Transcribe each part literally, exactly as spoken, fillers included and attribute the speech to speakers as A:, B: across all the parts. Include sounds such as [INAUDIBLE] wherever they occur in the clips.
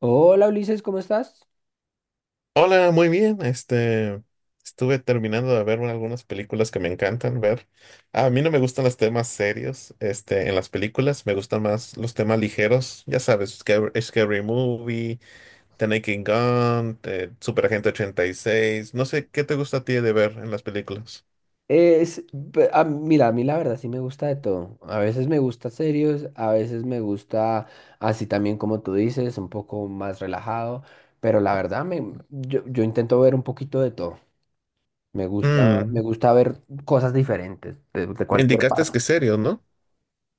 A: Hola Ulises, ¿cómo estás?
B: Hola, muy bien. Este, estuve terminando de ver algunas películas que me encantan ver. A mí no me gustan los temas serios, este, en las películas. Me gustan más los temas ligeros. Ya sabes, Scary, Scary Movie, The Naked Gun, eh, Super Agente ochenta y seis. No sé, ¿qué te gusta a ti de ver en las películas?
A: Es, pe- a- Mira, a mí la verdad sí me gusta de todo. A veces me gusta serios, a veces me gusta así también como tú dices, un poco más relajado, pero la verdad me, yo, yo intento ver un poquito de todo. Me gusta, me
B: Mm,
A: gusta ver cosas diferentes de, de
B: me
A: cualquier
B: indicaste
A: parte.
B: que serio, ¿no?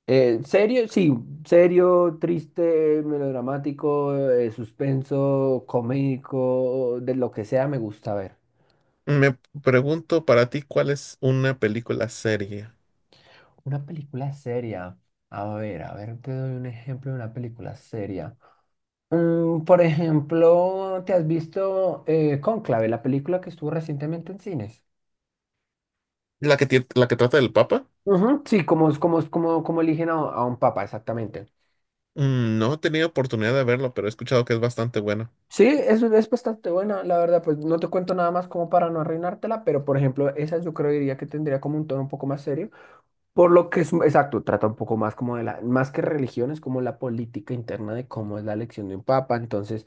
A: Eh, serio, sí, serio, triste, melodramático, eh, suspenso, comédico, de lo que sea me gusta ver.
B: Me pregunto para ti, ¿cuál es una película seria?
A: Una película seria. A ver, a ver, te doy un ejemplo de una película seria. Mm, por ejemplo, ¿te has visto eh, Cónclave, la película que estuvo recientemente en cines?
B: ¿La que, tie- la que trata del Papa?
A: Ujú. Sí, como, es- como, es- como, como eligen a, a un papa, exactamente.
B: Mm, no he tenido oportunidad de verlo, pero he escuchado que es bastante bueno.
A: Sí, es, es bastante buena, la verdad, pues no te cuento nada más como para no arruinártela, pero por ejemplo, esa yo creo diría que tendría como un tono un poco más serio. Por lo que es, exacto, trata un poco más como de la, más que religión, es como la política interna de cómo es la elección de un papa. Entonces,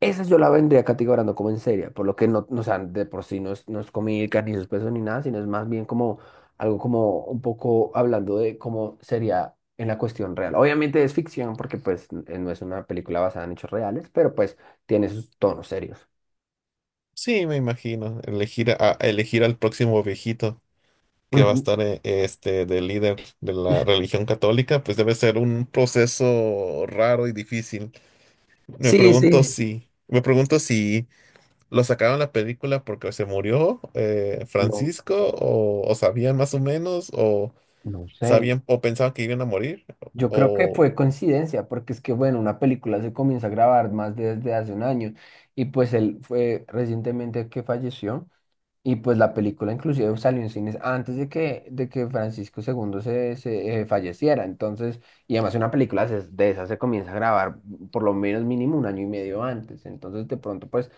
A: esa yo la vendría categorizando como en seria, por lo que no, no, o sea, de por sí no es, no es, cómica, ni suspenso, ni nada, sino es más bien como algo como un poco hablando de cómo sería en la cuestión real. Obviamente es ficción porque pues n- no es una película basada en hechos reales, pero pues tiene sus tonos serios.
B: Sí, me imagino. Elegir a, a elegir al próximo viejito que va a
A: Ujú.
B: estar eh, este de líder de la religión católica, pues debe ser un proceso raro y difícil. Me
A: Sí,
B: pregunto
A: sí.
B: si, me pregunto si lo sacaron la película porque se murió eh,
A: No,
B: Francisco, o, o sabían más o menos, o
A: no sé.
B: sabían, o pensaban que iban a morir.
A: Yo creo que fue coincidencia, porque es que, bueno, una película se comienza a grabar más desde hace un año y pues él fue recientemente que falleció y pues la película inclusive salió en cines antes de que, de que Francisco segundo se, se, eh, falleciera. Entonces, y además una película se- de esa se comienza a grabar por lo menos mínimo un año y medio antes. Entonces, de pronto, pues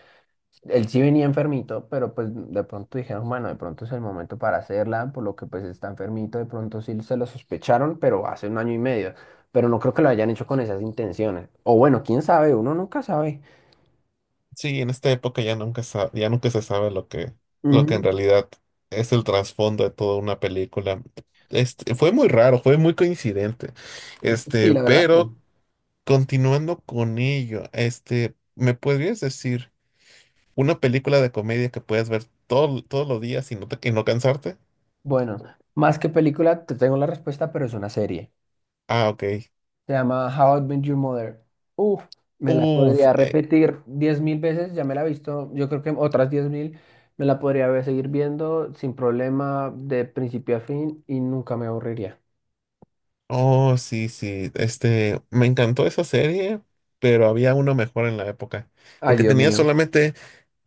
A: él sí venía enfermito, pero pues de pronto dijeron, bueno, de pronto es el momento para hacerla, por lo que pues está enfermito, de pronto sí se lo sospecharon, pero hace un año y medio, pero no creo que lo hayan hecho con esas intenciones. O bueno, quién sabe, uno nunca sabe.
B: Sí, en esta época ya nunca sa- ya nunca se sabe lo que, lo que en
A: Ujú.
B: realidad es el trasfondo de toda una película. Este, fue muy raro, fue muy coincidente.
A: Sí,
B: Este,
A: la verdad. No.
B: pero continuando con ello, este, ¿me podrías decir una película de comedia que puedas ver todo- todos los días y no te- y no cansarte?
A: Bueno, más que película, te tengo la respuesta, pero es una serie.
B: Ah, ok.
A: Se llama How I Met Your Mother. Uf, me la
B: Uf,
A: podría
B: eh,
A: repetir diez mil veces, ya me la he visto, yo creo que otras diez mil, me la podría ver- seguir viendo sin problema de principio a fin y nunca me aburriría.
B: oh, sí, sí. Este, me encantó esa serie, pero había uno mejor en la época.
A: Ay,
B: Porque
A: Dios
B: tenía
A: mío.
B: solamente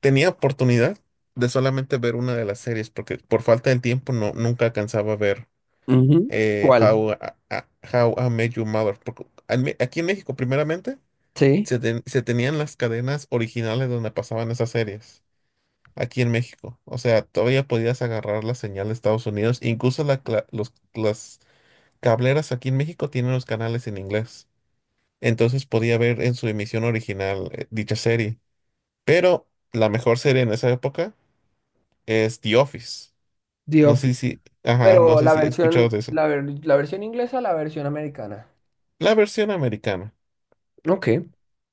B: tenía oportunidad de solamente ver una de las series, porque por falta de tiempo no, nunca alcanzaba a ver
A: Ujú.
B: eh,
A: ¿Cuál?
B: How, a- a- How I Met Your Mother. Porque en Me- aquí en México, primeramente,
A: Sí,
B: se, ten- se tenían las cadenas originales donde pasaban esas series. Aquí en México. O sea, todavía podías agarrar la señal de Estados Unidos. Incluso la cla- los, las cableras aquí en México tienen los canales en inglés. Entonces podía ver en su emisión original eh, dicha serie. Pero la mejor serie en esa época es The Office.
A: The
B: No sé
A: Office.
B: si, ajá, no
A: Pero
B: sé
A: la
B: si he escuchado
A: versión,
B: de eso.
A: la, ver- la versión inglesa, la versión americana.
B: La versión americana,
A: Ok.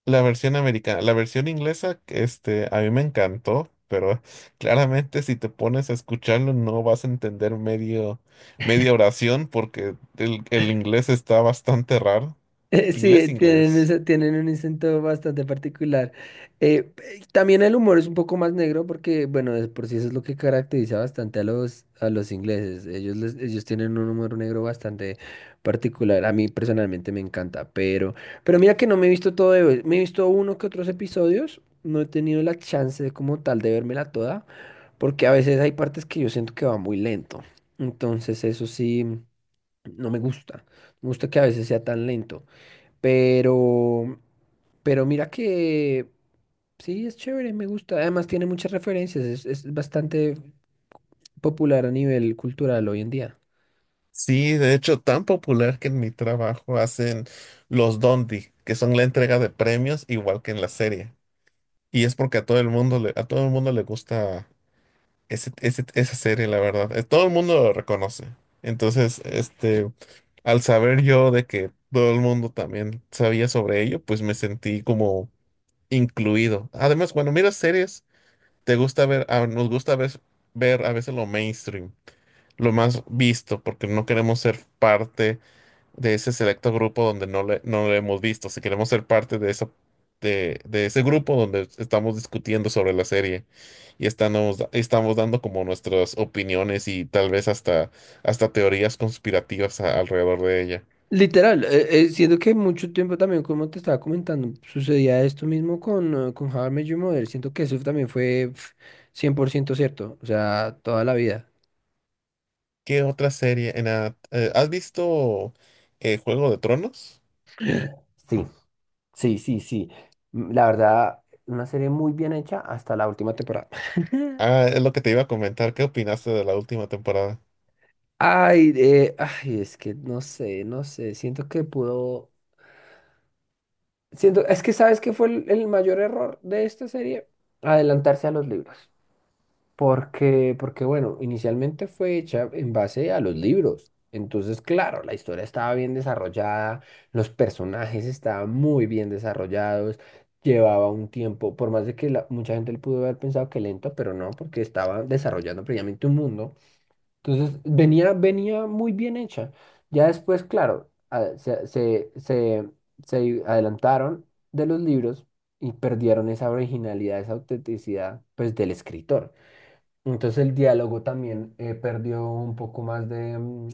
B: la versión americana, la versión inglesa, este, a mí me encantó, pero [LAUGHS] claramente si te pones a escucharlo no vas a entender medio, media oración porque el, el inglés está bastante raro.
A: [LAUGHS] Sí,
B: Inglés,
A: tienen,
B: inglés.
A: ese- tienen un acento bastante particular. Eh, eh, también el humor es un poco más negro porque, bueno, de por sí eso es lo que caracteriza bastante a los, a los ingleses. Ellos, les- ellos tienen un humor negro bastante particular. A mí personalmente me encanta, pero, pero mira que no me he visto todo de- hoy. Me he visto uno que otros episodios. No he tenido la chance de, como tal de vérmela toda porque a veces hay partes que yo siento que va muy lento. Entonces eso sí, no me gusta. Me gusta que a veces sea tan lento. Pero, pero mira que sí, es chévere, me gusta. Además tiene muchas referencias, es, es bastante popular a nivel cultural hoy en día.
B: Sí, de hecho, tan popular que en mi trabajo hacen los Dondi, que son la entrega de premios igual que en la serie. Y es porque a todo el mundo le, a todo el mundo le gusta Ese- ese- esa serie, la verdad, eh, todo el mundo lo reconoce. Entonces, este, al saber yo de que todo el mundo también sabía sobre ello, pues me sentí como incluido. Además, cuando miras series, te gusta ver, ah, nos gusta a veces ver a veces lo mainstream, lo más visto, porque no queremos ser parte de ese selecto grupo donde no le, no lo hemos visto. Si queremos ser parte de esa, de, de ese grupo donde estamos discutiendo sobre la serie y estamos, da- estamos dando como nuestras opiniones y tal vez hasta, hasta teorías conspirativas a- alrededor de ella.
A: Literal, eh, eh, siento que mucho tiempo también, como te estaba comentando, sucedía esto mismo con, eh, con How I Met Your Mother. Siento que eso también fue pf, cien por ciento cierto, o sea, toda la vida.
B: ¿Qué otra serie? En la- eh, ¿has visto eh, Juego de Tronos?
A: Sí, sí, sí, sí. Mm, La verdad, una serie muy bien hecha hasta la última temporada. [LAUGHS]
B: Ah, es lo que te iba a comentar. ¿Qué opinaste de la última temporada?
A: Ay, eh, ay, es que no sé, no sé, siento que pudo, siento, es que ¿sabes qué fue el, el mayor error de esta serie? Adelantarse a los libros, porque, porque bueno, inicialmente fue hecha en base a los libros, entonces claro, la historia estaba bien desarrollada, los personajes estaban muy bien desarrollados, llevaba un tiempo, por más de que la- mucha gente le pudo haber pensado que lento, pero no, porque estaba desarrollando previamente un mundo. Entonces, venía, venía muy bien hecha. Ya después, claro, a- se, se, se, se adelantaron de los libros y perdieron esa originalidad, esa autenticidad, pues, del escritor. Entonces, el diálogo también eh, perdió un poco más de, mm,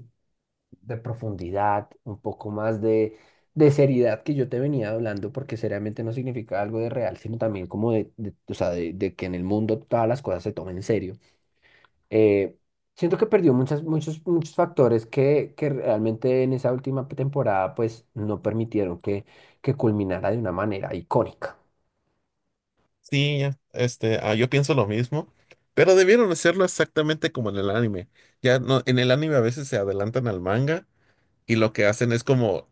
A: de profundidad, un poco más de, de seriedad que yo te venía hablando, porque seriamente no significa algo de real, sino también como de, de- o sea, de de que en el mundo todas las cosas se tomen en serio. Eh, Siento que perdió muchas, muchos, muchos factores que, que realmente en esa última temporada pues no permitieron que, que culminara de una manera icónica.
B: Sí, ya, este, ah, yo pienso lo mismo, pero debieron hacerlo exactamente como en el anime. Ya no, en el anime a veces se adelantan al manga y lo que hacen es como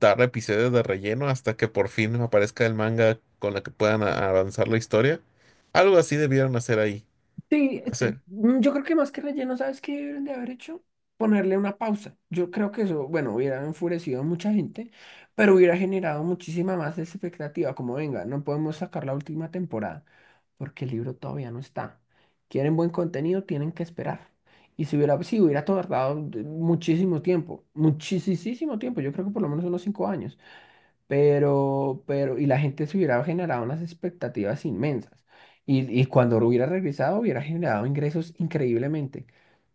B: dar episodios de relleno hasta que por fin aparezca el manga con la que puedan a- avanzar la historia. Algo así debieron hacer ahí.
A: Sí, este,
B: Hacer,
A: mm, yo creo que más que relleno, ¿sabes qué deberían de haber hecho? Ponerle una pausa. Yo creo que eso, bueno, hubiera enfurecido a mucha gente, pero hubiera generado muchísima más expectativa. Como venga, no podemos sacar la última temporada porque el libro todavía no está. Quieren buen contenido, tienen que esperar. Y si hubiera, sí, hubiera tardado de- muchísimo tiempo, muchísimo tiempo. Yo creo que por lo menos unos cinco años pero, pero, y la gente se hubiera generado unas expectativas inmensas. Y, y cuando hubiera regresado, hubiera generado ingresos increíblemente.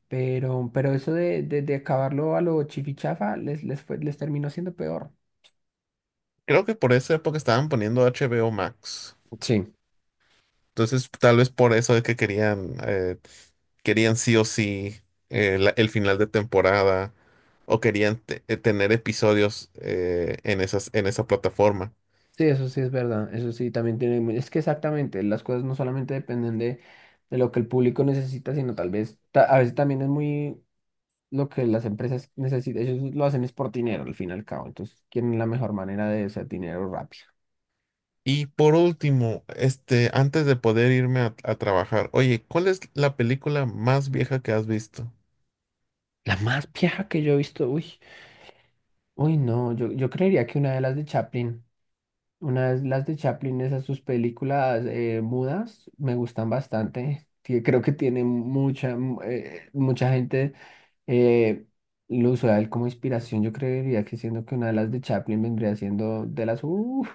A: Pero, pero eso de, de, de acabarlo a lo chifichafa les, les fue, les terminó siendo peor.
B: creo que por esa época estaban poniendo H B O Max.
A: Sí,
B: Entonces, tal vez por eso es que querían, eh, querían sí o sí eh, la- el final de temporada o querían te- eh, tener episodios eh, en esas, en esa plataforma.
A: sí, eso sí es verdad. Eso sí también tiene. mu- Es que exactamente, las cosas no solamente dependen de, de lo que el público necesita, sino tal vez, ta- a veces también es muy lo que las empresas necesitan. Ellos lo hacen es por dinero, al fin y al cabo. Entonces quieren la mejor manera de hacer dinero rápido.
B: Y por último, este, antes de poder irme a, a trabajar, oye, ¿cuál es la película más vieja que has visto?
A: La más vieja que yo he visto, uy, uy, no, yo, yo creería que una de las de Chaplin, una de las de Chaplin, esas sus películas eh, mudas, me gustan bastante. Tie- creo que tiene mucha, mm, eh, mucha gente eh, lo usa a él como inspiración. Yo creería que siendo que una de las de Chaplin vendría siendo de las, uf.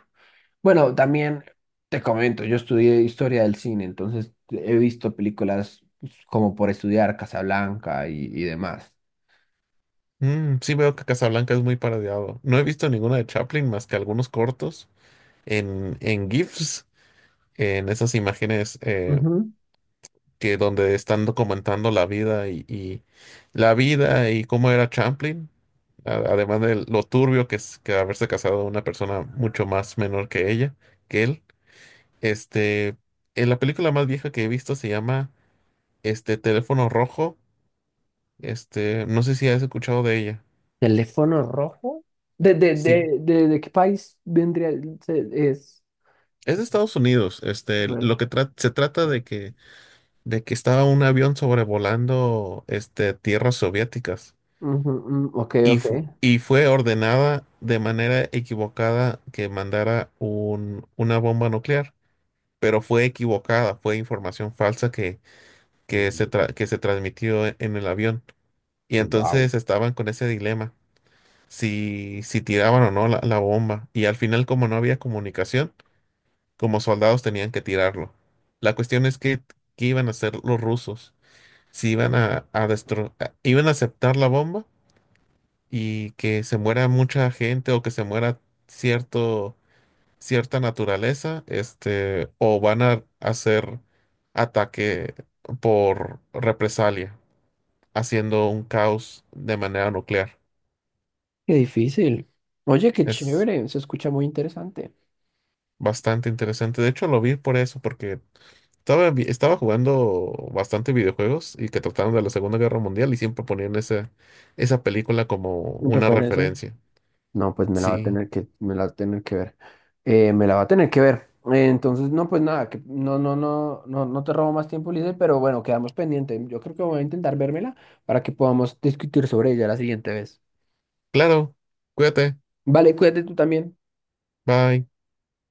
A: Bueno, también te comento, yo estudié historia del cine, entonces he visto películas pues, como por estudiar Casablanca y, y demás.
B: Mm, sí veo que Casablanca es muy parodiado. No he visto ninguna de Chaplin más que algunos cortos en, en GIFs, en esas imágenes eh, que donde están documentando la vida y, y la vida y cómo era Champlin, a- además de lo turbio que es que haberse casado una persona mucho más menor que ella, que él. Este, en la película más vieja que he visto se llama este Teléfono Rojo. Este, no sé si has escuchado de ella.
A: ¿Teléfono rojo? ¿De, de,
B: Sí,
A: de, de, de qué país vendría? el- se- Es.
B: es de Estados Unidos. Este,
A: Red.
B: lo que tra- se trata de que de que estaba un avión sobrevolando este tierras soviéticas.
A: Ujú, mm, ok,
B: Y,
A: ok.
B: fu- y fue ordenada de manera equivocada que mandara un- una bomba nuclear, pero fue equivocada, fue información falsa que, que se, tra- que se transmitió e- en el avión. Y
A: Wow.
B: entonces estaban con ese dilema, si, si tiraban o no la, la bomba. Y al final, como no había comunicación, como soldados tenían que tirarlo. La cuestión es que, qué iban a hacer los rusos, si iban a, a destro- a- iban a aceptar la bomba y que se muera mucha gente o que se muera cierto, cierta naturaleza, este, o van a hacer ataque por represalia, haciendo un caos de manera nuclear.
A: Qué difícil. Oye, qué
B: Es
A: chévere. Se escucha muy interesante.
B: bastante interesante. De hecho, lo vi por eso, porque estaba, vi- estaba jugando bastante videojuegos y que trataron de la Segunda Guerra Mundial y siempre ponían esa, esa película como
A: En
B: una
A: referencia.
B: referencia.
A: No, pues me la va a
B: Sí,
A: tener que, me la va a tener que ver. Eh, me la va a tener que ver. Eh, entonces, no, pues nada, que no, no, no, no, no te robo más tiempo, Lice, pero bueno, quedamos pendientes. Yo creo que voy a intentar vérmela para que podamos discutir sobre ella la siguiente vez.
B: claro. Cuídate.
A: Vale, cuídate tú también.
B: Bye.